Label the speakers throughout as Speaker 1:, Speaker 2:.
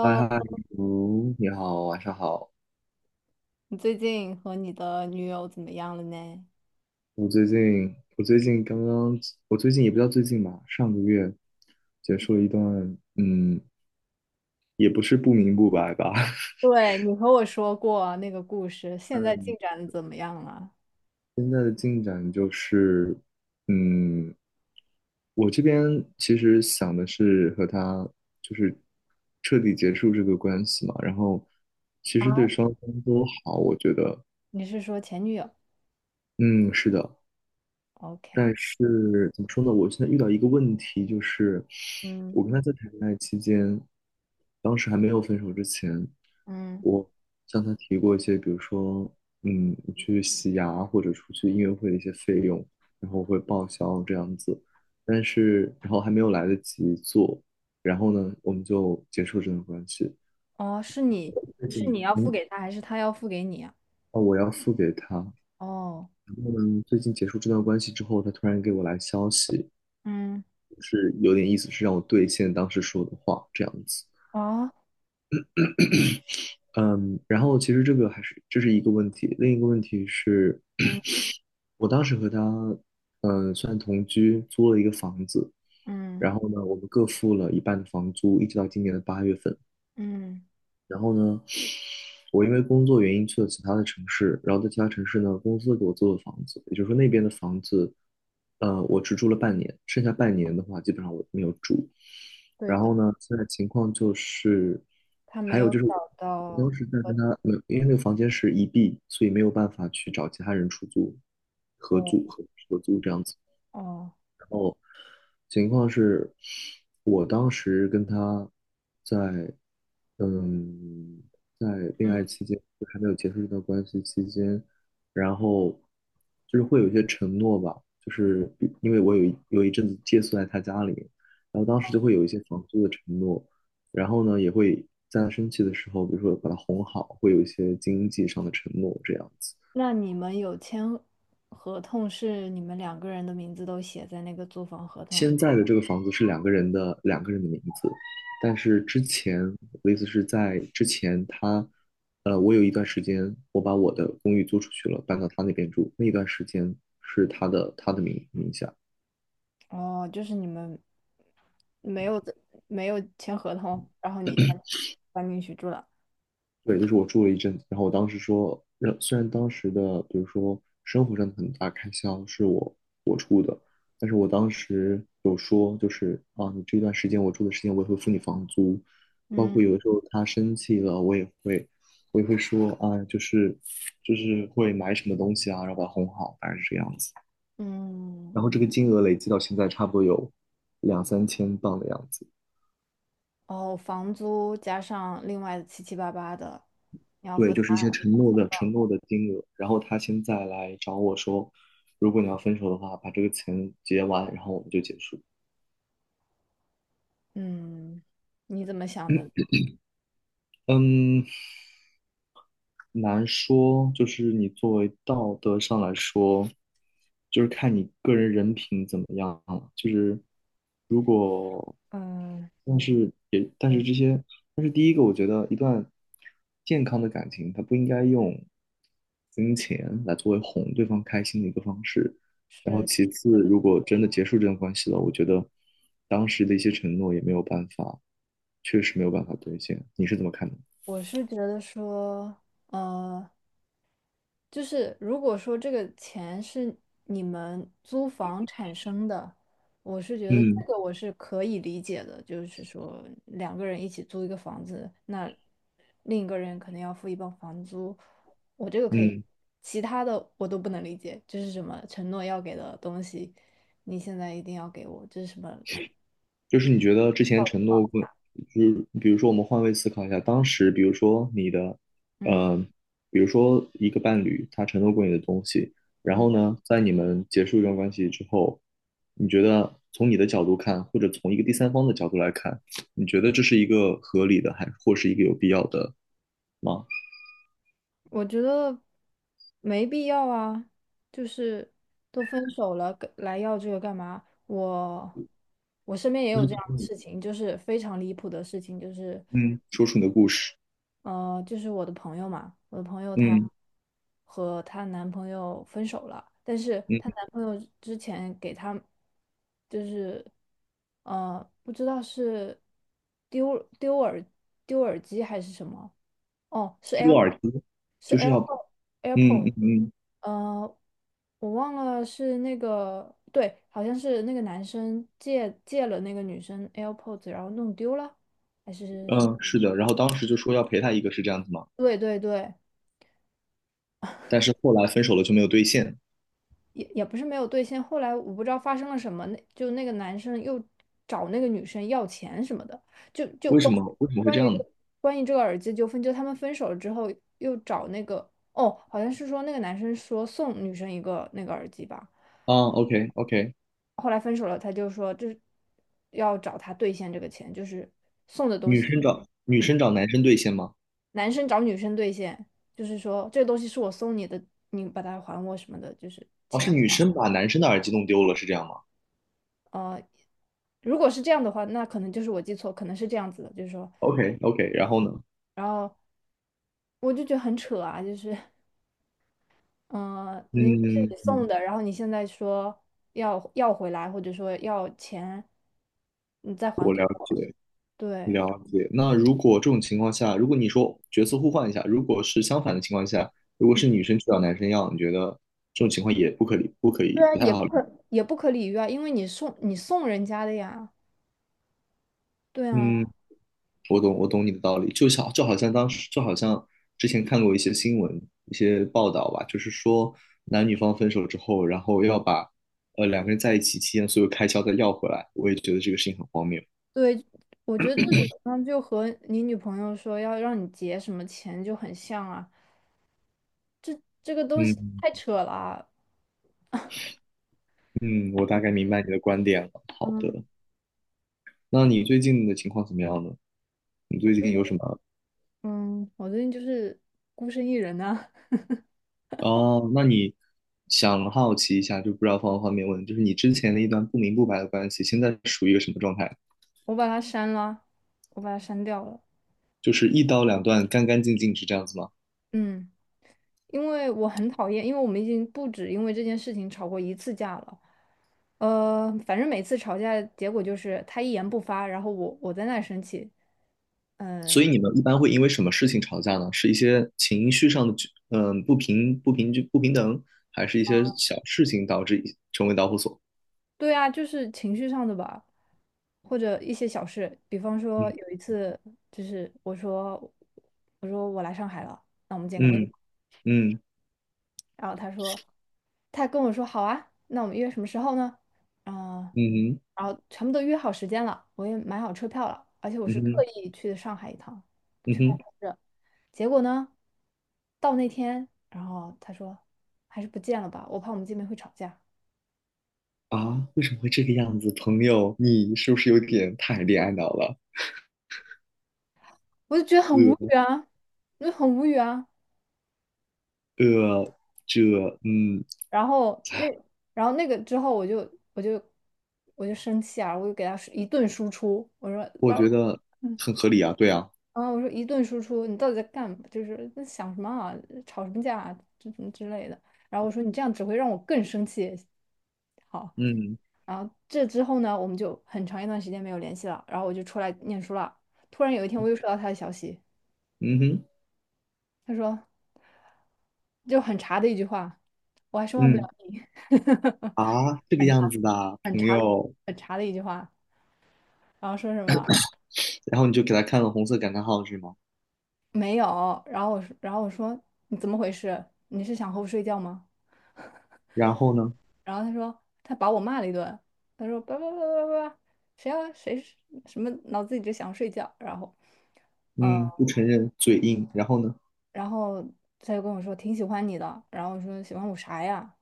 Speaker 1: 嗨 嗨，你好，晚上好。
Speaker 2: 你最近和你的女友怎么样了呢？
Speaker 1: 我最近，我最近刚刚，我最近也不叫最近吧，上个月结束了一段，嗯，也不是不明不白吧，
Speaker 2: 对，你和我说过那个故事，现在进
Speaker 1: 嗯，
Speaker 2: 展的怎么样了？
Speaker 1: 现在的进展就是，嗯，我这边其实想的是和他就是彻底结束这个关系嘛，然后其
Speaker 2: 啊，
Speaker 1: 实对双方都好，我觉得。
Speaker 2: 你是说前女友
Speaker 1: 嗯，是的。
Speaker 2: ？OK，
Speaker 1: 但是怎么说呢？我现在遇到一个问题，就是
Speaker 2: 嗯，
Speaker 1: 我跟他在谈恋爱期间，当时还没有分手之前，
Speaker 2: 嗯
Speaker 1: 我向他提过一些，比如说，去洗牙或者出去音乐会的一些费用，然后我会报销这样子。但是，然后还没有来得及做，然后呢，我们就结束这段关系。
Speaker 2: 哦，是你
Speaker 1: 最
Speaker 2: 是
Speaker 1: 近，
Speaker 2: 你要付
Speaker 1: 嗯，
Speaker 2: 给他，还是他要付给你啊？
Speaker 1: 哦，我要付给他。
Speaker 2: 哦，
Speaker 1: 然后呢，最近结束这段关系之后，他突然给我来消息。
Speaker 2: 嗯，
Speaker 1: 就是有点意思，是让我兑现当时说的话这样子。
Speaker 2: 啊，
Speaker 1: 嗯，然后其实这个还是这是一个问题，另一个问题是，
Speaker 2: 嗯
Speaker 1: 我当时和他算同居，租了一个房子，
Speaker 2: 嗯
Speaker 1: 然后呢，我们各付了一半的房租，一直到今年的8月份。
Speaker 2: 嗯，
Speaker 1: 然后呢，我因为工作原因去了其他的城市，然后在其他城市呢，公司给我租了房子，也就是说那边的房子，我只住了半年，剩下半年的话，基本上我没有住。
Speaker 2: 对
Speaker 1: 然
Speaker 2: 的，
Speaker 1: 后呢，现在情况就是，
Speaker 2: 他没
Speaker 1: 还有
Speaker 2: 有
Speaker 1: 就是我
Speaker 2: 找
Speaker 1: 我
Speaker 2: 到
Speaker 1: 当时在
Speaker 2: 我，
Speaker 1: 跟他，没有。因为那个房间是1B，所以没有办法去找其他人出租、合
Speaker 2: 哦，
Speaker 1: 租、合租这样子。
Speaker 2: 哦，
Speaker 1: 情况是，我当时跟他在，嗯，在恋
Speaker 2: 嗯，
Speaker 1: 爱期间，就还没有结束这段关系期间，然后就是会有一些承诺吧，就是因为我有一阵子借宿在他家里，然后当时就会有一些房租的承诺，然后呢，也会在他生气的时候，比如说把他哄好，会有一些经济上的承诺这样子。
Speaker 2: 那你们有签合同是你们两个人的名字都写在那个租房合同
Speaker 1: 现在的这个房子是两个人的名字，但是之前我的意思是在之前我有一段时间我把我的公寓租出去了，搬到他那边住，那一段时间是他的名下，
Speaker 2: 哦，就是你们没有的，没有签合同，然后你搬进去住了。
Speaker 1: 对，就是我住了一阵子，然后我当时说，虽然当时的比如说生活上的很大开销是我出的，但是我当时有说，就是啊，你这段时间我住的时间我也会付你房租，包
Speaker 2: 嗯
Speaker 1: 括有的时候他生气了，我也会说啊，就是会买什么东西啊，然后把他哄好，大概是这个样子。然
Speaker 2: 嗯，
Speaker 1: 后这个金额累计到现在差不多有两三千镑的样子。
Speaker 2: 哦，房租加上另外七七八八的，你要
Speaker 1: 对，
Speaker 2: 付他。
Speaker 1: 就是一些承诺的金额，然后他现在来找我说，如果你要分手的话，把这个钱结完，然后我们就结束。
Speaker 2: 嗯，你怎么想的？
Speaker 1: 嗯，难说，就是你作为道德上来说，就是看你个人人品怎么样了。就是如果，
Speaker 2: 嗯，
Speaker 1: 但是也，但是
Speaker 2: 对，
Speaker 1: 这些，但是第一个，我觉得一段健康的感情，它不应该用金钱来作为哄对方开心的一个方式。然后
Speaker 2: 是
Speaker 1: 其
Speaker 2: 是
Speaker 1: 次，
Speaker 2: 的，
Speaker 1: 如果真的结束这段关系了，我觉得当时的一些承诺也没有办法，确实没有办法兑现。你是怎么看的？
Speaker 2: 我是觉得说，呃，就是如果说这个钱是你们租房产生的，我是觉得
Speaker 1: 嗯
Speaker 2: 这个我是可以理解的，就是说两个人一起租一个房子，那另一个人可能要付一半房租，我这个可以理解，
Speaker 1: 嗯
Speaker 2: 其他的我都不能理解，就是什么承诺要给的东西，你现在一定要给我，这是什么？
Speaker 1: 就是你觉得之前承诺过，就是比如说我们换位思考一下，当时比如说
Speaker 2: 嗯
Speaker 1: 呃，比如说一个伴侣他承诺过你的东西，然
Speaker 2: 嗯。
Speaker 1: 后呢，在你们结束一段关系之后，你觉得从你的角度看，或者从一个第三方的角度来看，你觉得这是一个合理的，还或是一个有必要的吗？
Speaker 2: 我觉得没必要啊，就是都分手了，跟来要这个干嘛？我身边也
Speaker 1: 就
Speaker 2: 有
Speaker 1: 是
Speaker 2: 这样的事情，就是非常离谱的事情，就是
Speaker 1: 嗯，说出你的故事。
Speaker 2: 就是我的朋友嘛，我的朋友她
Speaker 1: 嗯
Speaker 2: 和她男朋友分手了，但是
Speaker 1: 嗯，
Speaker 2: 她男朋友之前给她就是不知道是丢丢耳丢耳机还是什么，哦，是
Speaker 1: 丢
Speaker 2: AirPod，
Speaker 1: 耳机
Speaker 2: s 是
Speaker 1: 就是要，
Speaker 2: AirPod。s
Speaker 1: 嗯
Speaker 2: AirPod s
Speaker 1: 嗯嗯
Speaker 2: 呃，我忘了是那个，对，好像是那个男生借了那个女生 AirPods，然后弄丢了，还是
Speaker 1: 嗯，
Speaker 2: 什么？
Speaker 1: 嗯，是的，然后当时就说要陪他一个，是这样子吗？
Speaker 2: 对对对，
Speaker 1: 但是后来分手了就没有兑现。
Speaker 2: 也不是没有兑现。后来我不知道发生了什么，那就那个男生又找那个女生要钱什么的，就
Speaker 1: 为什么？为什么会
Speaker 2: 关
Speaker 1: 这
Speaker 2: 于
Speaker 1: 样
Speaker 2: 这
Speaker 1: 呢？
Speaker 2: 关于这个耳机纠纷，就他们分手了之后又找那个，哦，好像是说那个男生说送女生一个那个耳机吧。
Speaker 1: 啊，OK OK。
Speaker 2: 后来分手了，他就说就是要找他兑现这个钱，就是送的东
Speaker 1: 女
Speaker 2: 西，
Speaker 1: 生找女生找男生兑现吗？
Speaker 2: 男生找女生兑现，就是说这个东西是我送你的，你把它还我什么的，就是
Speaker 1: 哦，是
Speaker 2: 钱。
Speaker 1: 女生把男生的耳机弄丢了，是这样吗
Speaker 2: 呃，如果是这样的话，那可能就是我记错，可能是这样子的，就是说，
Speaker 1: ？OK OK，然后呢？
Speaker 2: 然后我就觉得很扯啊，就是嗯，明明是
Speaker 1: 嗯
Speaker 2: 你送
Speaker 1: 嗯，
Speaker 2: 的，然后你现在说要回来，或者说要钱，你再还
Speaker 1: 我
Speaker 2: 给
Speaker 1: 了
Speaker 2: 我，
Speaker 1: 解
Speaker 2: 对。
Speaker 1: 了解。那如果这种情况下，如果你说角色互换一下，如果是相反的情况下，如果是女生去找男生要，你觉得这种情况也不可理，不可
Speaker 2: 对
Speaker 1: 以，
Speaker 2: 啊，
Speaker 1: 不太好理？
Speaker 2: 也不可理喻啊，因为你送人家的呀。对啊，
Speaker 1: 嗯，我懂，我懂你的道理，就像就好像当时，就好像之前看过一些新闻、一些报道吧，就是说男女方分手之后，然后要把两个人在一起期间所有开销再要回来，我也觉得这个事情很荒谬。
Speaker 2: 对，我觉得这种呢就和你女朋友说要让你结什么钱就很像啊，这个东西
Speaker 1: 嗯
Speaker 2: 太扯了啊。
Speaker 1: 嗯，我大概明白你的观点了。好
Speaker 2: 嗯
Speaker 1: 的，那你最近的情况怎么样呢？你最近有什么？
Speaker 2: 嗯，我最近就是孤身一人啊，
Speaker 1: 哦，想好奇一下，就不知道方不方便问，就是你之前的一段不明不白的关系，现在属于一个什么状态？
Speaker 2: 我把它删了，我把它删掉了。
Speaker 1: 就是一刀两断，干干净净是这样子吗？
Speaker 2: 嗯，因为我很讨厌，因为我们已经不止因为这件事情吵过一次架了。反正每次吵架结果就是他一言不发，然后我在那儿生气。
Speaker 1: 所以
Speaker 2: 嗯。
Speaker 1: 你们一般会因为什么事情吵架呢？是一些情绪上的不平等，还是一些小事情导致成为导火索？
Speaker 2: 对啊，就是情绪上的吧，或者一些小事，比方说
Speaker 1: 嗯
Speaker 2: 有一次，就是我说我来上海了，
Speaker 1: 嗯嗯，
Speaker 2: 然后他跟我说好啊，那我们约什么时候呢？啊、
Speaker 1: 嗯哼，
Speaker 2: 然后全部都约好时间了，我也买好车票了，而且我
Speaker 1: 嗯
Speaker 2: 是特
Speaker 1: 哼，
Speaker 2: 意去的上海一趟
Speaker 1: 嗯
Speaker 2: 去办
Speaker 1: 哼。
Speaker 2: 公室，结果呢，到那天，然后他说还是不见了吧，我怕我们见面会吵架，
Speaker 1: 啊，为什么会这个样子？朋友，你是不是有点太恋爱脑了？
Speaker 2: 我就觉得很无
Speaker 1: 呃
Speaker 2: 语啊，我就很无语啊。
Speaker 1: 呃，这嗯，
Speaker 2: 然后那，然后那个之后我就我就生气啊，我就给他一顿输出，我说
Speaker 1: 我
Speaker 2: 爸爸
Speaker 1: 觉得
Speaker 2: 嗯，
Speaker 1: 很合理啊，对啊。
Speaker 2: 然后我说一顿输出，你到底在干嘛？就是在想什么啊，吵什么架啊，么之类的。然后我说你这样只会让我更生气。好，
Speaker 1: 嗯，
Speaker 2: 然后这之后呢，我们就很长一段时间没有联系了。然后我就出来念书了。突然有一天，我又收到他的消息，
Speaker 1: 嗯哼，
Speaker 2: 他说就很茶的一句话，我还是忘不了
Speaker 1: 嗯。
Speaker 2: 你。
Speaker 1: 啊，这 个样子的啊
Speaker 2: 很
Speaker 1: 朋
Speaker 2: 长的
Speaker 1: 友，
Speaker 2: 很长的一句话，然后说什么
Speaker 1: 然后你就给他看了红色感叹号是吗？
Speaker 2: 没有，然后我说你怎么回事？你是想和我睡觉吗？
Speaker 1: 然后呢？
Speaker 2: 然后他说他把我骂了一顿，他说叭叭叭叭叭，谁是什么脑子里只想睡觉，呃，
Speaker 1: 嗯，不承认，嘴硬。然后呢？
Speaker 2: 然后他就跟我说挺喜欢你的，然后我说喜欢我啥呀？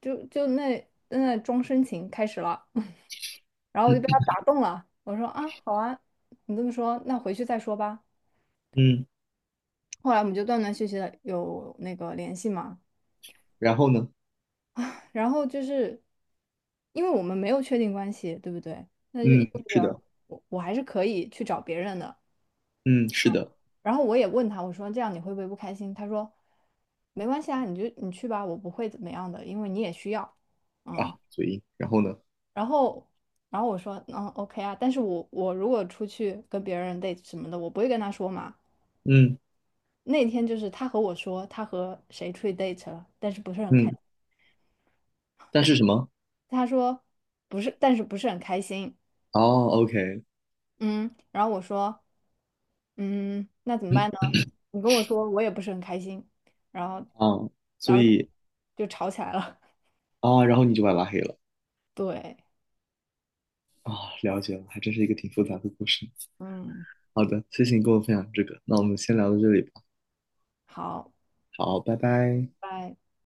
Speaker 2: 就那装深情开始了，然后我就
Speaker 1: 嗯
Speaker 2: 被他打动了，我说啊好啊，你这么说那回去再说吧。
Speaker 1: 嗯，
Speaker 2: 后来我们就断断续续的有那个联系嘛。
Speaker 1: 然后呢？
Speaker 2: 然后就是因为我们没有确定关系，对不对？那就意
Speaker 1: 嗯，
Speaker 2: 味
Speaker 1: 是的。
Speaker 2: 着我还是可以去找别人的。
Speaker 1: 嗯，是的
Speaker 2: 然后我也问他，我说这样你会不会不开心？他说没关系啊，你就你去吧，我不会怎么样的，因为你也需要，嗯。
Speaker 1: 啊。嘴硬。然后呢？
Speaker 2: 然后然后我说嗯，OK 啊，但是我如果出去跟别人 date 什么的，我不会跟他说嘛。
Speaker 1: 嗯
Speaker 2: 那天就是他和我说他和谁出去 date 了，但是不是很开，
Speaker 1: 嗯，但是什么？
Speaker 2: 他说不是，但是不是很开心。
Speaker 1: 哦，OK。
Speaker 2: 嗯，然后我说，嗯，那怎么办呢？你跟我说，我也不是很开心，然后，
Speaker 1: 啊，
Speaker 2: 然
Speaker 1: 所
Speaker 2: 后就
Speaker 1: 以
Speaker 2: 就吵起来了。
Speaker 1: 啊，然后你就把他拉黑了。
Speaker 2: 对，
Speaker 1: 啊，了解了，还真是一个挺复杂的故事。
Speaker 2: 嗯，
Speaker 1: 好的，谢谢你跟我分享这个，那我们先聊到这里吧。
Speaker 2: 好，
Speaker 1: 好，拜拜。
Speaker 2: 拜。